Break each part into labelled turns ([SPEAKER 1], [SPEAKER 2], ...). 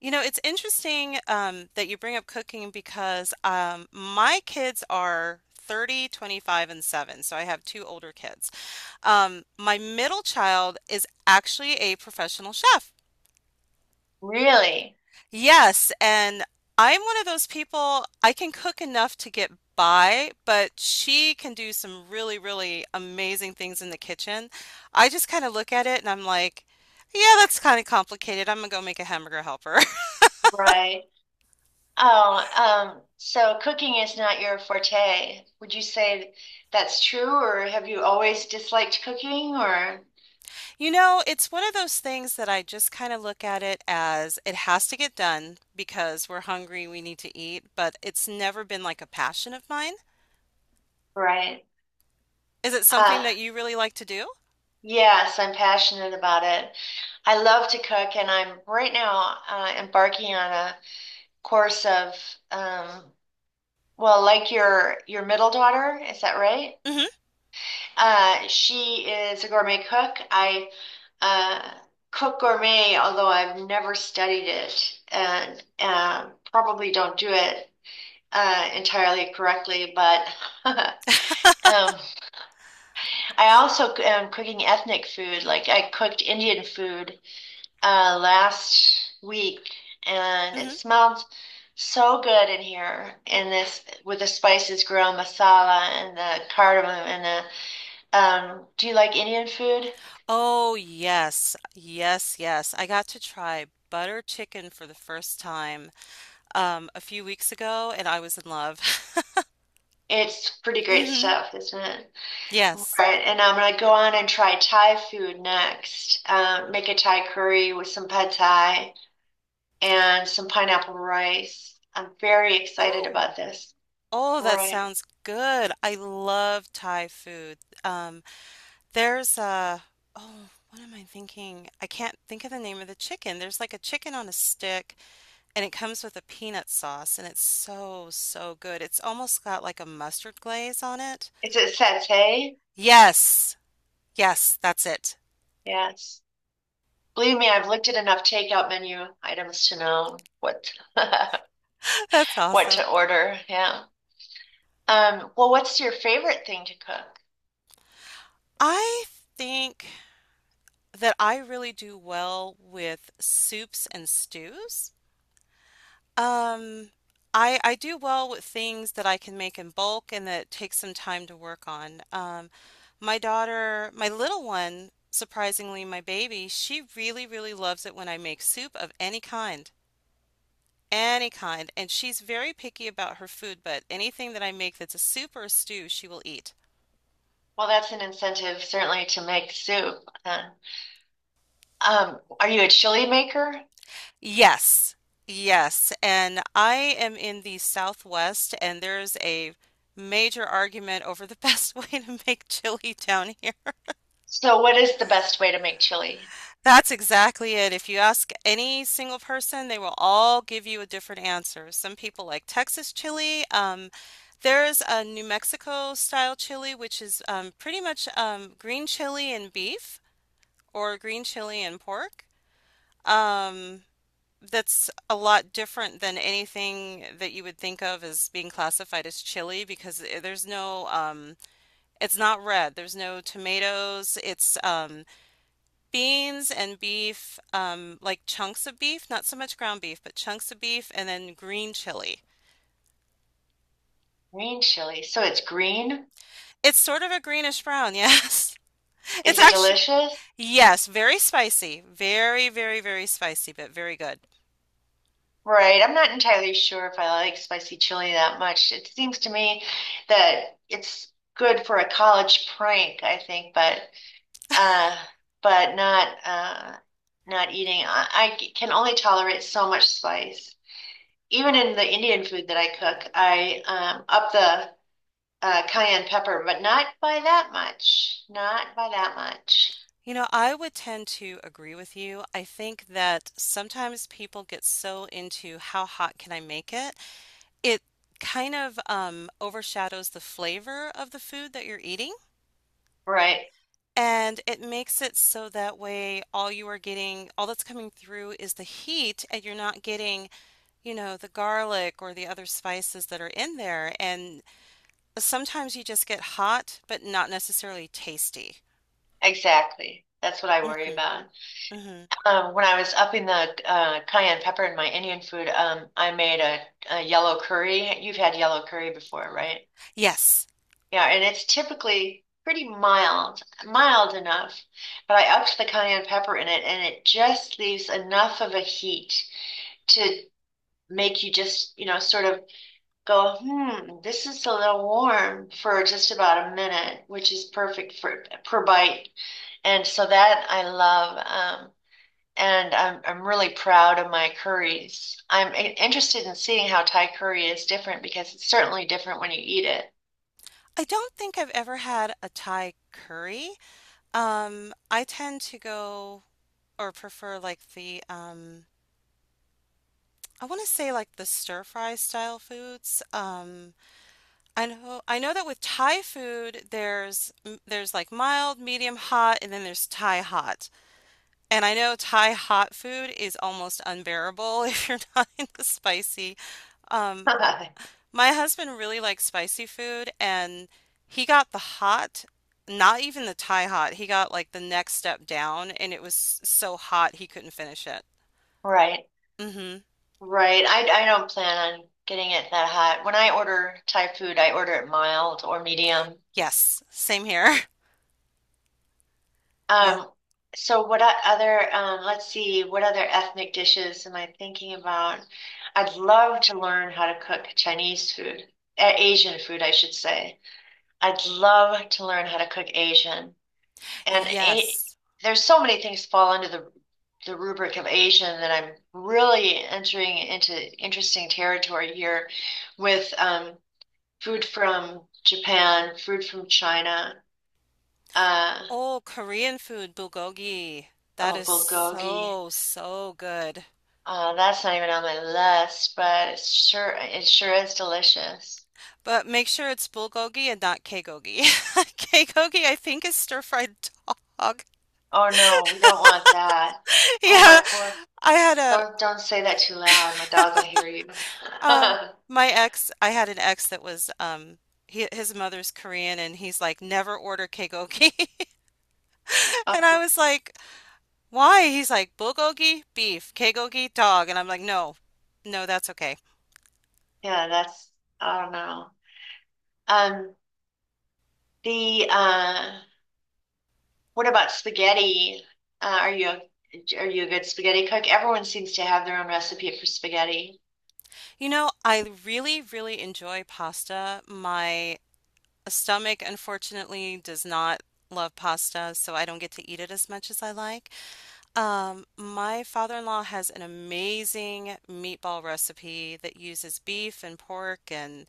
[SPEAKER 1] You know, it's interesting that you bring up cooking because my kids are 30, 25, and 7. So I have two older kids. My middle child is actually a professional chef.
[SPEAKER 2] Really?
[SPEAKER 1] Yes, and I'm one of those people, I can cook enough to get by, but she can do some really, really amazing things in the kitchen. I just kind of look at it and I'm like, yeah, that's kind of complicated. I'm gonna go make a hamburger helper.
[SPEAKER 2] Right. Oh, so cooking is not your forte. Would you say that's true, or have you always disliked cooking, or
[SPEAKER 1] You know, it's one of those things that I just kind of look at it as it has to get done because we're hungry, we need to eat, but it's never been like a passion of mine.
[SPEAKER 2] right?
[SPEAKER 1] Is it something
[SPEAKER 2] Uh,
[SPEAKER 1] that you really like to do?
[SPEAKER 2] yes, I'm passionate about it. I love to cook, and I'm right now embarking on a course of, um, like your middle daughter, is that right?
[SPEAKER 1] hmm
[SPEAKER 2] She is a gourmet cook. I uh, cook gourmet, although I've never studied it and probably don't do it entirely correctly. But um, I also am cooking ethnic food. Like I cooked Indian food last week, and it
[SPEAKER 1] hmm
[SPEAKER 2] smelled so good in here in this with the spices, garam masala, and the cardamom, and the do you like Indian food?
[SPEAKER 1] Oh, yes. Yes, yes. I got to try butter chicken for the first time a few weeks ago and I was in love.
[SPEAKER 2] It's pretty great
[SPEAKER 1] hmm
[SPEAKER 2] stuff, isn't it? All
[SPEAKER 1] Yes.
[SPEAKER 2] right, and I'm gonna go on and try Thai food next. Make a Thai curry with some pad Thai and some pineapple rice. I'm very excited
[SPEAKER 1] Ooh.
[SPEAKER 2] about this.
[SPEAKER 1] Oh, that
[SPEAKER 2] Right.
[SPEAKER 1] sounds good. I love Thai food. Um There's a, oh, what am I thinking? I can't think of the name of the chicken. There's like a chicken on a stick and it comes with a peanut sauce and it's so, so good. It's almost got like a mustard glaze on it.
[SPEAKER 2] Is it satay?
[SPEAKER 1] Yes, yes, that's it.
[SPEAKER 2] Yes. Believe me, I've looked at enough takeout menu items to know what
[SPEAKER 1] That's
[SPEAKER 2] what
[SPEAKER 1] awesome.
[SPEAKER 2] to order. Yeah. Well, what's your favorite thing to cook?
[SPEAKER 1] I think that I really do well with soups and stews. Um, I do well with things that I can make in bulk and that take some time to work on. My daughter, my little one, surprisingly, my baby, she really, really loves it when I make soup of any kind, and she's very picky about her food, but anything that I make that's a soup or a stew, she will eat.
[SPEAKER 2] Well, that's an incentive certainly to make soup. Uh, are you a chili maker?
[SPEAKER 1] Yes, yes. And I am in the Southwest, and there's a major argument over the best way to make chili down here.
[SPEAKER 2] So what is the best way to make chili?
[SPEAKER 1] That's exactly it. If you ask any single person, they will all give you a different answer. Some people like Texas chili. There's a New Mexico style chili, which is pretty much green chili and beef or green chili and pork. Um, that's a lot different than anything that you would think of as being classified as chili because there's no, it's not red. There's no tomatoes. It's beans and beef, like chunks of beef, not so much ground beef, but chunks of beef, and then green chili.
[SPEAKER 2] Green chili. So it's green?
[SPEAKER 1] It's sort of a greenish brown, yes. It's
[SPEAKER 2] Is it
[SPEAKER 1] actually,
[SPEAKER 2] delicious?
[SPEAKER 1] yes, very spicy. Very, very, very spicy, but very good.
[SPEAKER 2] Right. I'm not entirely sure if I like spicy chili that much. It seems to me that it's good for a college prank, I think, uh but not not eating. I can only tolerate so much spice. Even in the Indian food that I cook, I up the cayenne pepper, but not by that much. Not by that much.
[SPEAKER 1] You know, I would tend to agree with you. I think that sometimes people get so into how hot can I make it, it kind of overshadows the flavor of the food that you're eating.
[SPEAKER 2] Right.
[SPEAKER 1] And it makes it so that way all you are getting, all that's coming through is the heat, and you're not getting, you know, the garlic or the other spices that are in there. And sometimes you just get hot, but not necessarily tasty.
[SPEAKER 2] Exactly. That's what I worry
[SPEAKER 1] hmm
[SPEAKER 2] about.
[SPEAKER 1] hmm
[SPEAKER 2] When I was upping the cayenne pepper in my Indian food, I made a yellow curry. You've had yellow curry before, right?
[SPEAKER 1] Yes.
[SPEAKER 2] Yeah, and it's typically pretty mild, mild enough, but I upped the cayenne pepper in it, and it just leaves enough of a heat to make you just, you know, sort of go, hmm, this is a little warm for just about a minute, which is perfect for per bite. And so that I love. And I'm really proud of my curries. I'm interested in seeing how Thai curry is different because it's certainly different when you eat it.
[SPEAKER 1] I don't think I've ever had a Thai curry. I tend to go or prefer like the I want to say like the stir fry style foods. I know that with Thai food there's like mild, medium hot, and then there's Thai hot. And I know Thai hot food is almost unbearable if you're not into spicy. Um, my husband really likes spicy food and he got the hot, not even the Thai hot. He got like the next step down and it was so hot he couldn't finish it.
[SPEAKER 2] Right,
[SPEAKER 1] mm hmm
[SPEAKER 2] right. I don't plan on getting it that hot. When I order Thai food, I order it mild or medium.
[SPEAKER 1] Yes, same here. Yeah.
[SPEAKER 2] Um, so what other let's see, what other ethnic dishes am I thinking about? I'd love to learn how to cook Chinese food, Asian food, I should say. I'd love to learn how to cook Asian. and a,
[SPEAKER 1] Yes.
[SPEAKER 2] there's so many things fall under the rubric of Asian that I'm really entering into interesting territory here with food from Japan, food from China, uh,
[SPEAKER 1] Oh, Korean food, bulgogi. That
[SPEAKER 2] oh,
[SPEAKER 1] is
[SPEAKER 2] bulgogi.
[SPEAKER 1] so, so good.
[SPEAKER 2] That's not even on my list, but it sure is delicious.
[SPEAKER 1] But make sure it's bulgogi and not kegogi. Kegogi, I think, is stir-fried dog.
[SPEAKER 2] Oh no, we don't want that. Oh
[SPEAKER 1] Yeah,
[SPEAKER 2] my poor,
[SPEAKER 1] I had a
[SPEAKER 2] don't say that too loud. My dog will hear you.
[SPEAKER 1] um my ex, I had an ex that was his mother's Korean and he's like, "Never order kegogi. And
[SPEAKER 2] Oh
[SPEAKER 1] I was like, "Why?" He's like, "Bulgogi, beef, kegogi dog." And I'm like, "No. No, that's okay."
[SPEAKER 2] yeah, that's I don't know. Um, the What about spaghetti? Uh, are you a, are you a good spaghetti cook? Everyone seems to have their own recipe for spaghetti.
[SPEAKER 1] You know, I really, really enjoy pasta. My A stomach, unfortunately, does not love pasta, so I don't get to eat it as much as I like. My father-in-law has an amazing meatball recipe that uses beef and pork, and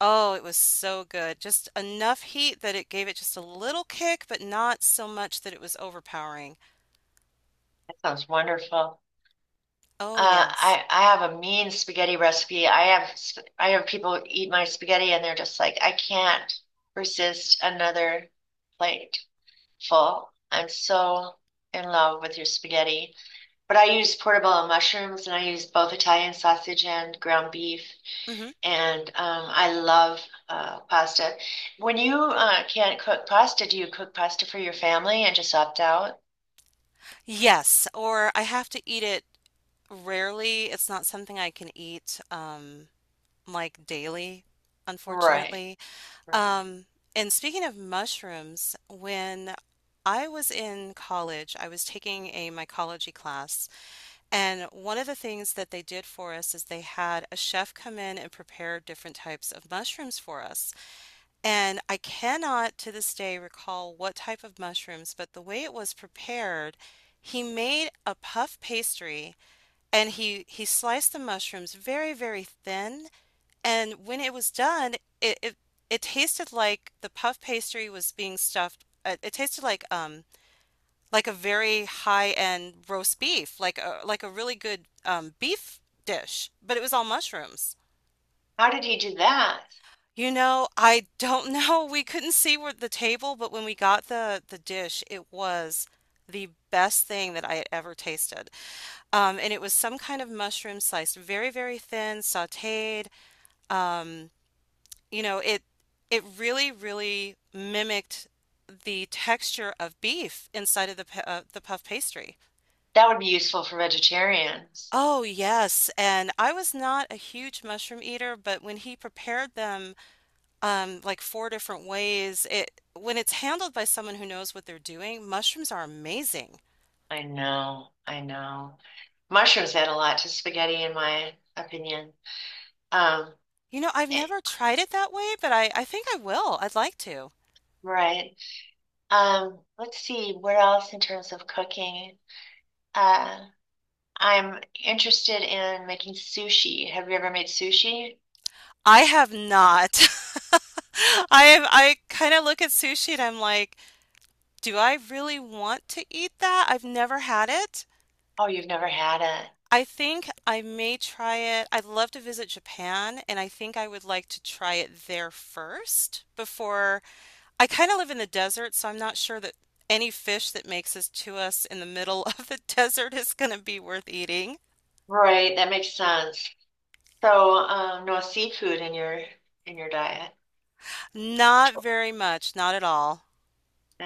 [SPEAKER 1] oh, it was so good. Just enough heat that it gave it just a little kick, but not so much that it was overpowering.
[SPEAKER 2] That sounds wonderful.
[SPEAKER 1] Oh,
[SPEAKER 2] Uh,
[SPEAKER 1] yes.
[SPEAKER 2] I I have a mean spaghetti recipe. I have people eat my spaghetti and they're just like, I can't resist another plate full. I'm so in love with your spaghetti. But I use portobello mushrooms and I use both Italian sausage and ground beef.
[SPEAKER 1] hmm
[SPEAKER 2] And I love pasta. When you can't cook pasta, do you cook pasta for your family and just opt out?
[SPEAKER 1] Yes, or I have to eat it rarely. It's not something I can eat like daily,
[SPEAKER 2] Right,
[SPEAKER 1] unfortunately.
[SPEAKER 2] right.
[SPEAKER 1] Um, and speaking of mushrooms, when I was in college, I was taking a mycology class, and one of the things that they did for us is they had a chef come in and prepare different types of mushrooms for us. And I cannot to this day recall what type of mushrooms, but the way it was prepared, he made a puff pastry and he sliced the mushrooms very, very thin. And when it was done, it it, it tasted like the puff pastry was being stuffed. It tasted like a very high-end roast beef, like a really good beef dish, but it was all mushrooms.
[SPEAKER 2] How did he do that?
[SPEAKER 1] You know, I don't know. We couldn't see where the table, but when we got the dish, it was the best thing that I had ever tasted. And it was some kind of mushroom sliced very, very thin, sautéed. Um, you know, it really, really mimicked the texture of beef inside of the puff pastry.
[SPEAKER 2] That would be useful for vegetarians.
[SPEAKER 1] Oh, yes. And I was not a huge mushroom eater, but when he prepared them like four different ways. It When it's handled by someone who knows what they're doing, mushrooms are amazing.
[SPEAKER 2] I know. Mushrooms add a lot to spaghetti, in my opinion. Um,
[SPEAKER 1] You know, I've
[SPEAKER 2] eh,
[SPEAKER 1] never tried it that way, but I think I will. I'd like to.
[SPEAKER 2] right. Let's see what else in terms of cooking. Uh, I'm interested in making sushi. Have you ever made sushi?
[SPEAKER 1] I have not. I have, I kind of look at sushi and I'm like, do I really want to eat that? I've never had it.
[SPEAKER 2] Oh, you've never had it.
[SPEAKER 1] I think I may try it. I'd love to visit Japan, and I think I would like to try it there first before I kind of live in the desert, so I'm not sure that any fish that makes it to us in the middle of the desert is going to be worth eating.
[SPEAKER 2] Right, that makes sense. So, no seafood in your diet.
[SPEAKER 1] Not very much, not at all.